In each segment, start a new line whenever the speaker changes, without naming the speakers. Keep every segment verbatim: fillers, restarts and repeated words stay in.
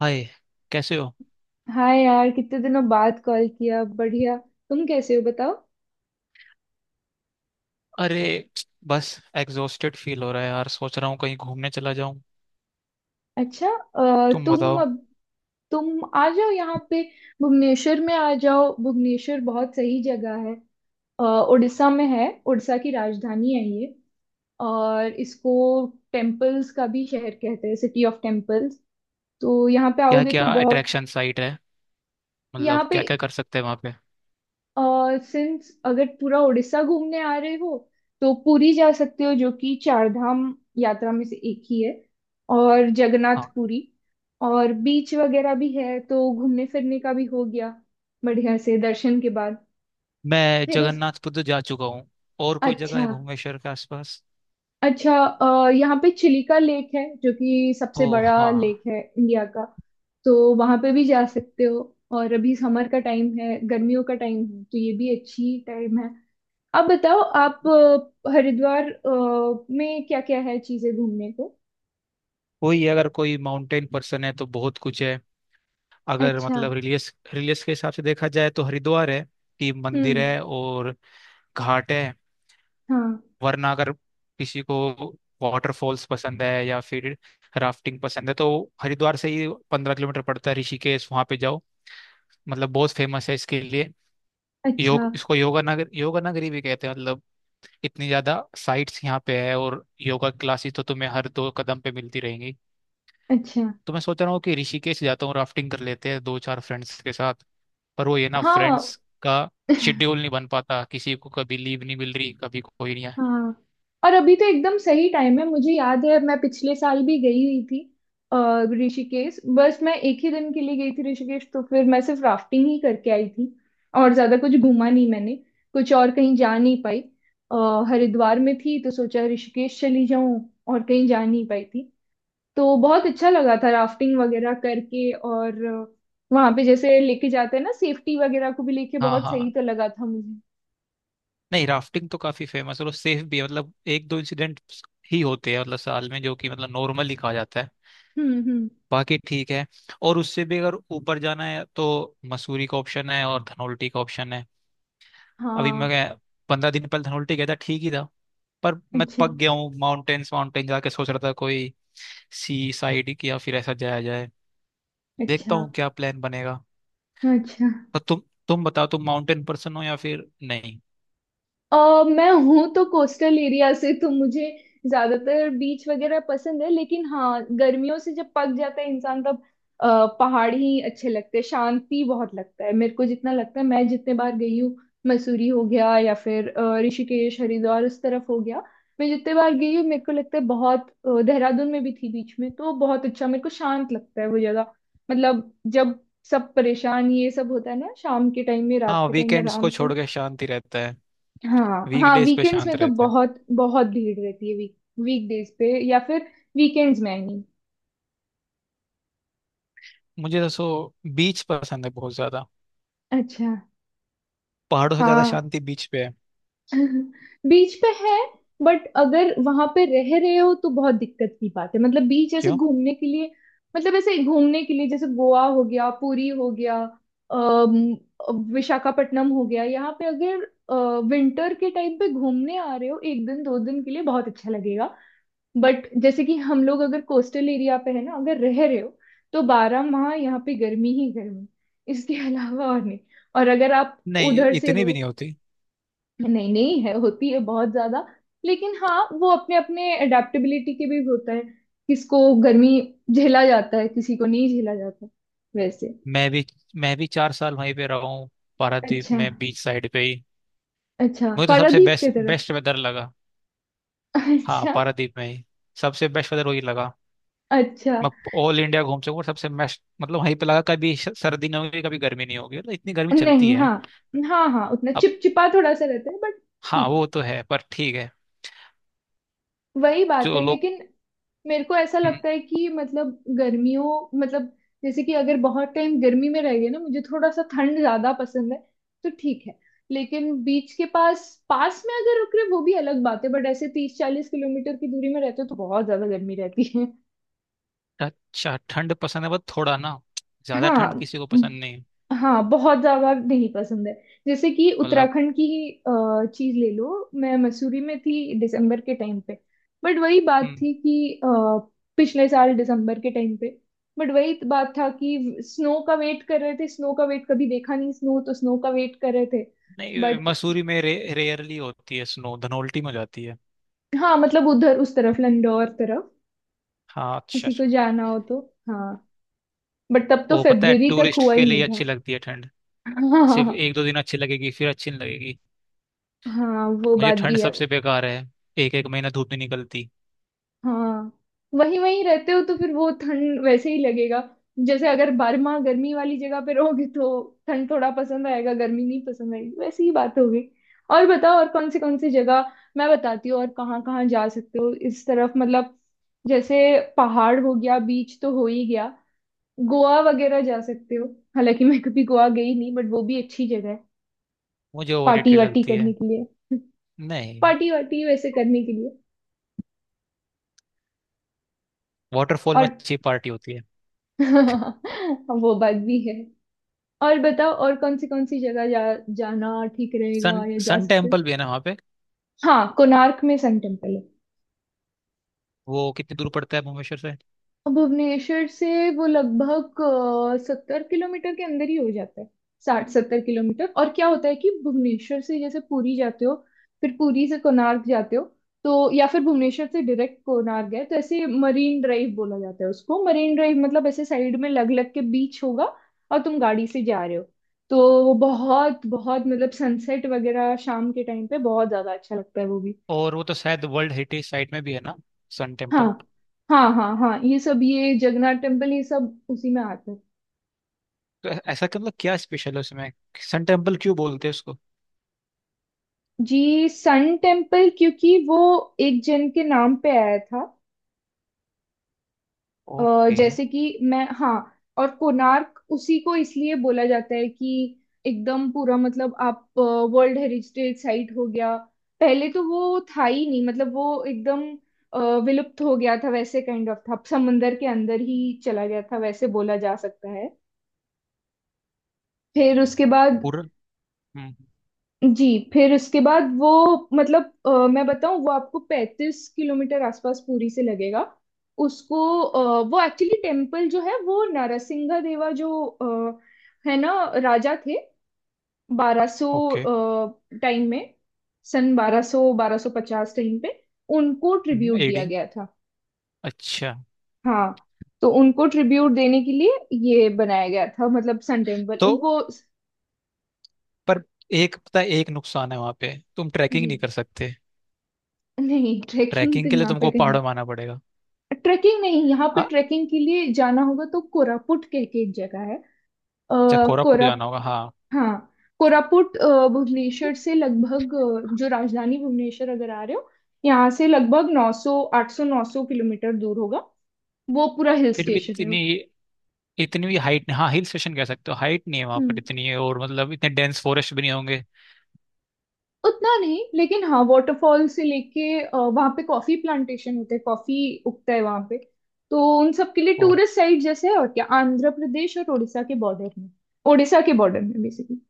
हाय। कैसे हो।
हाय यार, कितने दिनों बाद कॉल किया। बढ़िया। तुम कैसे हो बताओ।
अरे, बस एग्जॉस्टेड फील हो रहा है यार। सोच रहा हूँ कहीं घूमने चला जाऊं।
अच्छा, अ,
तुम
तुम
बताओ।
अब, तुम आ जाओ यहाँ पे, भुवनेश्वर में आ जाओ। भुवनेश्वर बहुत सही जगह है। अ, उड़ीसा में है, उड़ीसा की राजधानी है ये। और इसको टेम्पल्स का भी शहर कहते हैं, सिटी ऑफ टेम्पल्स। तो यहाँ पे
क्या
आओगे तो
क्या
बहुत।
अट्रैक्शन साइट है।
यहाँ
मतलब
पे,
क्या क्या कर सकते हैं वहाँ पे।
और सिंस अगर पूरा उड़ीसा घूमने आ रहे हो तो पुरी जा सकते हो, जो कि चार धाम यात्रा में से एक ही है, और जगन्नाथ
हाँ।
पुरी। और बीच वगैरह भी है तो घूमने फिरने का भी हो गया बढ़िया से, दर्शन के बाद।
मैं
फिर उस।
जगन्नाथपुरी जा चुका हूँ। और कोई जगह
अच्छा।
है भुवनेश्वर के आसपास।
अच्छा, अ, यहाँ पे चिलिका लेक है जो कि
ओ।
सबसे बड़ा लेक
हाँ।
है इंडिया का। तो वहां पे भी जा सकते हो। और अभी समर का टाइम है, गर्मियों का टाइम है, तो ये भी अच्छी टाइम है। आप बताओ, आप। अ, हरिद्वार अ, में क्या क्या है चीजें घूमने को।
वही, अगर कोई माउंटेन पर्सन है तो बहुत कुछ है। अगर
अच्छा।
मतलब रिलीजियस रिलीजियस के हिसाब से देखा जाए तो हरिद्वार है कि मंदिर
हम्म।
है और घाट है।
हाँ।
वरना अगर किसी को वाटरफॉल्स पसंद है या फिर राफ्टिंग पसंद है तो हरिद्वार से ही पंद्रह किलोमीटर पड़ता है ऋषिकेश, वहाँ पे जाओ। मतलब बहुत फेमस है इसके लिए। योग,
अच्छा।
इसको योगा नगर, योगा नगरी भी कहते हैं, मतलब इतनी ज्यादा साइट्स यहाँ पे है और योगा क्लासेस तो तुम्हें हर दो कदम पे मिलती रहेंगी।
अच्छा।
तो मैं सोच रहा हूँ कि ऋषिकेश जाता हूँ, राफ्टिंग कर लेते हैं दो चार फ्रेंड्स के साथ। पर वो ये ना,
हाँ।
फ्रेंड्स का शेड्यूल नहीं बन पाता, किसी को कभी लीव नहीं मिल रही, कभी कोई नहीं है।
हाँ, और अभी तो एकदम सही टाइम है। मुझे याद है, मैं पिछले साल भी गई हुई थी। अ, ऋषिकेश, बस मैं एक ही दिन के लिए गई थी ऋषिकेश, तो फिर मैं सिर्फ राफ्टिंग ही करके आई थी। और ज्यादा कुछ घूमा नहीं मैंने। कुछ और कहीं जा नहीं पाई। अ, हरिद्वार में थी तो सोचा ऋषिकेश चली जाऊं, और कहीं जा नहीं पाई थी। तो बहुत अच्छा लगा था राफ्टिंग वगैरह करके। और वहां पे जैसे लेके जाते हैं ना, सेफ्टी वगैरह को भी लेके,
हाँ,
बहुत सही
हाँ।
तो लगा था मुझे।
नहीं, राफ्टिंग तो काफी फेमस है और सेफ भी है, मतलब एक दो इंसिडेंट ही होते हैं मतलब साल में, जो कि मतलब नॉर्मल ही कहा जाता है।
हम्म। हम्म।
बाकी ठीक है। और उससे भी अगर ऊपर जाना है तो मसूरी का ऑप्शन है और धनौल्टी का ऑप्शन है। अभी
हाँ।
मैं पंद्रह दिन पहले धनौल्टी गया था, ठीक ही था। पर मैं
अच्छा।
पक गया हूँ माउंटेन्स माउंटेन जाके सोच रहा था कोई सी साइड की या फिर ऐसा जाया जाए। देखता
अच्छा।
हूँ क्या प्लान बनेगा।
अच्छा।
तो तुम तुम बताओ, तुम माउंटेन पर्सन हो या फिर नहीं।
अ मैं हूँ तो कोस्टल एरिया से, तो मुझे ज्यादातर बीच वगैरह पसंद है। लेकिन हाँ, गर्मियों से जब पक जाता है इंसान, तब अ, पहाड़ ही अच्छे लगते हैं। शांति बहुत लगता है मेरे को, जितना लगता है मैं जितने बार गई हूँ। मसूरी हो गया, या फिर अ, ऋषिकेश, हरिद्वार, उस तरफ हो गया। मैं जितने बार गई हूँ मेरे को लगता है बहुत। अ, देहरादून में भी थी बीच में, तो बहुत अच्छा मेरे को शांत लगता है वो जगह। मतलब जब सब परेशान ये सब होता है ना, शाम के टाइम में, रात
हाँ,
के टाइम में
वीकेंड्स
आराम
को
से।
छोड़ के शांति रहता है।
हाँ। हाँ,
वीकडेज पे
वीकेंड्स
शांत
में तो
रहता है।
बहुत बहुत भीड़ रहती है। वीक वीकडेज पे, या फिर वीकेंड्स में, आई मीन।
मुझे दसो बीच पसंद है बहुत ज्यादा।
अच्छा।
पहाड़ों से ज्यादा
हाँ।
शांति बीच पे है।
बीच पे है। बट अगर वहां पे रह रहे हो तो बहुत दिक्कत की बात है, मतलब बीच ऐसे
क्यों?
घूमने के लिए। मतलब ऐसे घूमने के लिए, जैसे गोवा हो गया, पुरी हो गया, अम, विशाखापट्टनम हो गया, यहाँ पे अगर विंटर के टाइम पे घूमने आ रहे हो एक दिन दो दिन के लिए, बहुत अच्छा लगेगा। बट जैसे कि हम लोग, अगर कोस्टल एरिया पे है ना, अगर रह रहे हो, तो बारह माह यहाँ पे गर्मी ही गर्मी। इसके अलावा और नहीं। और अगर आप
नहीं,
उधर से
इतनी
हो।
भी नहीं होती।
नहीं नहीं, है, होती है बहुत ज्यादा, लेकिन हाँ वो अपने अपने अडेप्टेबिलिटी के भी होता है। किसको गर्मी झेला जाता है, किसी को नहीं झेला जाता वैसे।
मैं भी मैं भी चार साल वहीं पे रहा हूँ, पारादीप
अच्छा।
में, बीच साइड पे ही।
अच्छा,
मुझे तो सबसे
पारादीप की
बेस्ट
तरफ।
बेस्ट वेदर लगा। हाँ,
अच्छा।
पारादीप में ही सबसे बेस्ट वेदर वही लगा।
अच्छा।
मैं ऑल इंडिया घूम सकूँ, सबसे बेस्ट मतलब वहीं पे लगा। कभी श- सर्दी नहीं होगी, कभी गर्मी नहीं होगी, मतलब इतनी गर्मी चलती
नहीं, हाँ।
है।
हाँ हाँ, उतना
अब,
चिपचिपा थोड़ा सा रहता है, बट
हाँ
ठीक है।
वो तो है पर ठीक है।
वही बात है,
जो लोग।
लेकिन मेरे को ऐसा
हम्म,
लगता है कि, मतलब गर्मियों, मतलब जैसे कि अगर बहुत टाइम गर्मी में रह गए ना, मुझे थोड़ा सा ठंड ज्यादा पसंद है, तो ठीक है। लेकिन बीच के पास पास में अगर रुक रहे वो भी अलग बात है, बट ऐसे तीस चालीस किलोमीटर की दूरी में रहते हो तो बहुत ज्यादा गर्मी रहती है।
अच्छा, ठंड पसंद है बस थोड़ा ना, ज्यादा ठंड
हाँ।
किसी को पसंद नहीं।
हाँ, बहुत ज्यादा नहीं पसंद है। जैसे कि
मतलब
उत्तराखंड की ही अ, चीज ले लो, मैं मसूरी में थी दिसंबर के टाइम पे। बट वही बात
हम्म,
थी कि, अ, पिछले साल दिसंबर के टाइम पे। बट वही त- बात था कि स्नो का वेट कर रहे थे, स्नो का वेट कभी देखा नहीं स्नो, तो स्नो का वेट कर रहे थे।
नहीं,
बट
मसूरी में रे, रेयरली होती है स्नो, धनौल्टी में हो जाती है।
हाँ मतलब उधर, उस तरफ, लंडौर तरफ
हाँ। अच्छा।
किसी को जाना हो तो। हाँ, बट तब तो
वो पता है,
फेब्रुवरी तक
टूरिस्ट
हुआ
के
ही
लिए
नहीं था।
अच्छी लगती है ठंड।
हाँ
सिर्फ
हाँ।
एक दो दिन अच्छी लगेगी, फिर अच्छी नहीं लगेगी।
हाँ, वो
मुझे
बात
ठंड
भी है।
सबसे बेकार है। एक एक महीना धूप नहीं निकलती।
हाँ, वहीं वहीं रहते हो तो फिर वो ठंड वैसे ही लगेगा। जैसे अगर बारह माह गर्मी वाली जगह पे रहोगे, तो ठंड थोड़ा पसंद आएगा, गर्मी नहीं पसंद आएगी, वैसी ही बात होगी। और बताओ, और कौन से कौन सी जगह मैं बताती हूँ और कहाँ कहाँ जा सकते हो इस तरफ, मतलब जैसे पहाड़ हो गया, बीच तो हो ही गया। गोवा वगैरह जा सकते हो, हालांकि मैं कभी गोवा गई नहीं, बट वो भी अच्छी जगह है,
मुझे
पार्टी
ओवररेटेड
वार्टी
लगती
करने
है।
के लिए।
नहीं,
पार्टी वार्टी वैसे करने के लिए।
वाटरफॉल में
और
अच्छी पार्टी होती है।
वो बात भी है। और बताओ, और कौन सी कौन सी जगह जा, जाना ठीक रहेगा,
सन
या जा
सन
सकते हैं?
टेम्पल भी है ना वहाँ पे।
हाँ, कोणार्क में सन टेम्पल है।
वो कितनी दूर पड़ता है भुवनेश्वर से।
भुवनेश्वर से वो लगभग सत्तर किलोमीटर के अंदर ही हो जाता है। साठ सत्तर किलोमीटर, और क्या होता है कि भुवनेश्वर से जैसे पुरी जाते हो, फिर पुरी से कोणार्क जाते हो, तो, या फिर भुवनेश्वर से डायरेक्ट कोणार्क गए, तो ऐसे मरीन ड्राइव बोला जाता है उसको, मरीन ड्राइव मतलब ऐसे साइड में लग लग के बीच होगा और तुम गाड़ी से जा रहे हो, तो वो बहुत बहुत, मतलब सनसेट वगैरह शाम के टाइम पे बहुत ज्यादा अच्छा लगता है वो भी।
और वो तो शायद वर्ल्ड हेरिटेज साइट में भी है ना, सन
हाँ।
टेम्पल।
हाँ हाँ हाँ, ये सब, ये जगन्नाथ टेम्पल ये सब उसी में आता है।
तो ऐ- ऐसा क्या, मतलब क्या स्पेशल है उसमें, सन टेम्पल क्यों बोलते हैं उसको।
जी, सन टेम्पल क्योंकि वो एक जन के नाम पे आया था। अ,
ओके।
जैसे कि मैं, हाँ। और कोणार्क उसी को इसलिए बोला जाता है कि एकदम पूरा, मतलब आप वर्ल्ड हेरिटेज साइट हो गया। पहले तो वो था ही नहीं, मतलब वो एकदम अ, विलुप्त हो गया था वैसे, काइंड ऑफ, था समंदर के अंदर ही चला गया था वैसे बोला जा सकता है। फिर उसके बाद।
पूरा। हम्म।
जी। फिर उसके बाद वो, मतलब अ, मैं बताऊं, वो आपको पैंतीस किलोमीटर आसपास पुरी से लगेगा। उसको अ, वो एक्चुअली टेम्पल जो है वो नरसिंह देवा जो अ, है ना, राजा थे, बारह सौ
ओके।
टाइम में, सन बारह सौ, बारह सौ पचास टाइम पे उनको ट्रिब्यूट
एडी,
दिया गया था।
अच्छा।
हाँ। तो उनको ट्रिब्यूट देने के लिए ये बनाया गया था, मतलब सन टेम्पल,
तो
उनको।
पर एक पता है, एक नुकसान है वहां पे, तुम ट्रैकिंग
जी।
नहीं कर सकते।
नहीं ट्रेकिंग तो
ट्रैकिंग के लिए
यहाँ पे
तुमको
कहीं,
पहाड़ों में आना पड़ेगा।
ट्रेकिंग नहीं यहाँ पे,
हाँ।
ट्रेकिंग के लिए जाना होगा तो कोरापुट कह के एक जगह है।
अच्छा,
आ,
कोरापुट
कोरा।
जाना होगा, हाँ।
हाँ कोरापुट, अ, भुवनेश्वर से लगभग, अ, जो राजधानी भुवनेश्वर अगर आ रहे हो, यहाँ से लगभग नौ सौ आठ सौ नौ सौ किलोमीटर दूर होगा। वो पूरा हिल
फिर भी
स्टेशन है।
इतनी, इतनी भी हाइट, हाँ हिल स्टेशन कह सकते हो, हाइट नहीं है वहां पर
हम्म।
इतनी, है और मतलब इतने डेंस फॉरेस्ट भी नहीं होंगे।
उतना नहीं, लेकिन हाँ वाटरफॉल से लेके, अ, वहाँ पे कॉफी प्लांटेशन होते हैं, कॉफी उगता है वहाँ पे। तो उन सब के लिए
वो
टूरिस्ट साइट जैसे है, और क्या, आंध्र प्रदेश और उड़ीसा के बॉर्डर में, उड़ीसा के बॉर्डर में बेसिकली।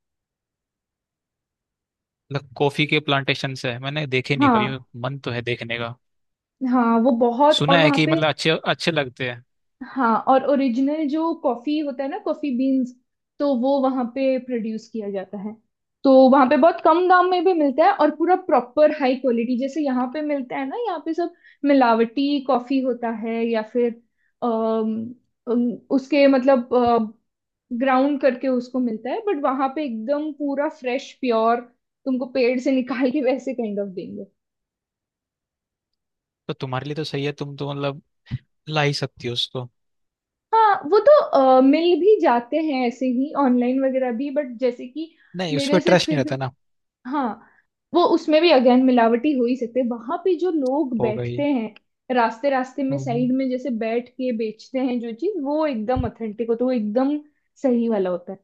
मतलब कॉफी के प्लांटेशन है, मैंने देखे नहीं कभी,
हाँ।
मन तो है देखने का।
हाँ वो बहुत,
सुना
और
है
वहाँ
कि
पे।
मतलब अच्छे अच्छे लगते हैं।
हाँ, और ओरिजिनल जो कॉफी होता है ना, कॉफी बीन्स, तो वो वहाँ पे प्रोड्यूस किया जाता है। तो वहाँ पे बहुत कम दाम में भी मिलता है, और पूरा प्रॉपर हाई क्वालिटी, जैसे यहाँ पे मिलता है ना, यहाँ पे सब मिलावटी कॉफी होता है, या फिर अम, अम, उसके मतलब ग्राउंड करके उसको मिलता है, बट वहाँ पे एकदम पूरा फ्रेश प्योर, तुमको पेड़ से निकाल के वैसे काइंड ऑफ देंगे।
तो तुम्हारे लिए तो सही है, तुम तो मतलब ला ही सकती हो उसको।
हाँ वो तो अ, मिल भी जाते हैं ऐसे ही ऑनलाइन वगैरह भी, बट जैसे कि
नहीं, उस पर
मेरे से
ट्रस्ट नहीं
फिर भी,
रहता ना।
हाँ वो उसमें भी अगेन मिलावटी हो ही सकते, वहां पे जो लोग
होगा
बैठते हैं रास्ते रास्ते में
ही।
साइड में जैसे बैठ के बेचते हैं जो चीज, वो एकदम ऑथेंटिक होता है, वो एकदम सही वाला होता है।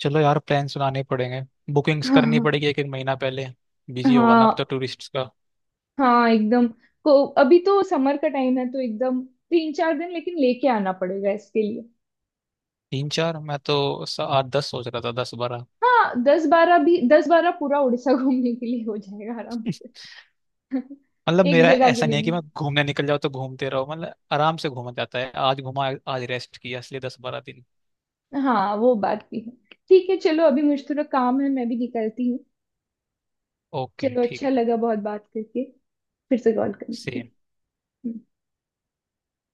चलो यार, प्लान सुनाने पड़ेंगे, बुकिंग्स करनी
हाँ
पड़ेगी एक एक महीना पहले। बिजी होगा ना अब तो
हाँ
टूरिस्ट का।
हाँ, एकदम। को अभी तो समर का टाइम है, तो एकदम तीन चार दिन लेकिन लेके आना पड़ेगा इसके लिए।
तीन चार, मैं तो स- आठ दस सोच रहा था, दस बारह।
हाँ, दस बारह भी, दस बारह पूरा उड़ीसा घूमने के लिए हो जाएगा आराम।
मतलब
एक
मेरा
जगह के
ऐसा नहीं
लिए
है कि मैं
नहीं।
घूमने निकल जाऊँ तो घूमते रहो, मतलब आराम से घूमा जाता है, आज घूमा आज रेस्ट किया, इसलिए दस बारह दिन।
हाँ, वो बात भी है। ठीक है, चलो अभी मुझे थोड़ा काम है, मैं भी निकलती हूँ।
ओके,
चलो,
ठीक
अच्छा
है।
लगा बहुत बात करके। फिर से कॉल करना, ठीक
सेम।
है। हम्म।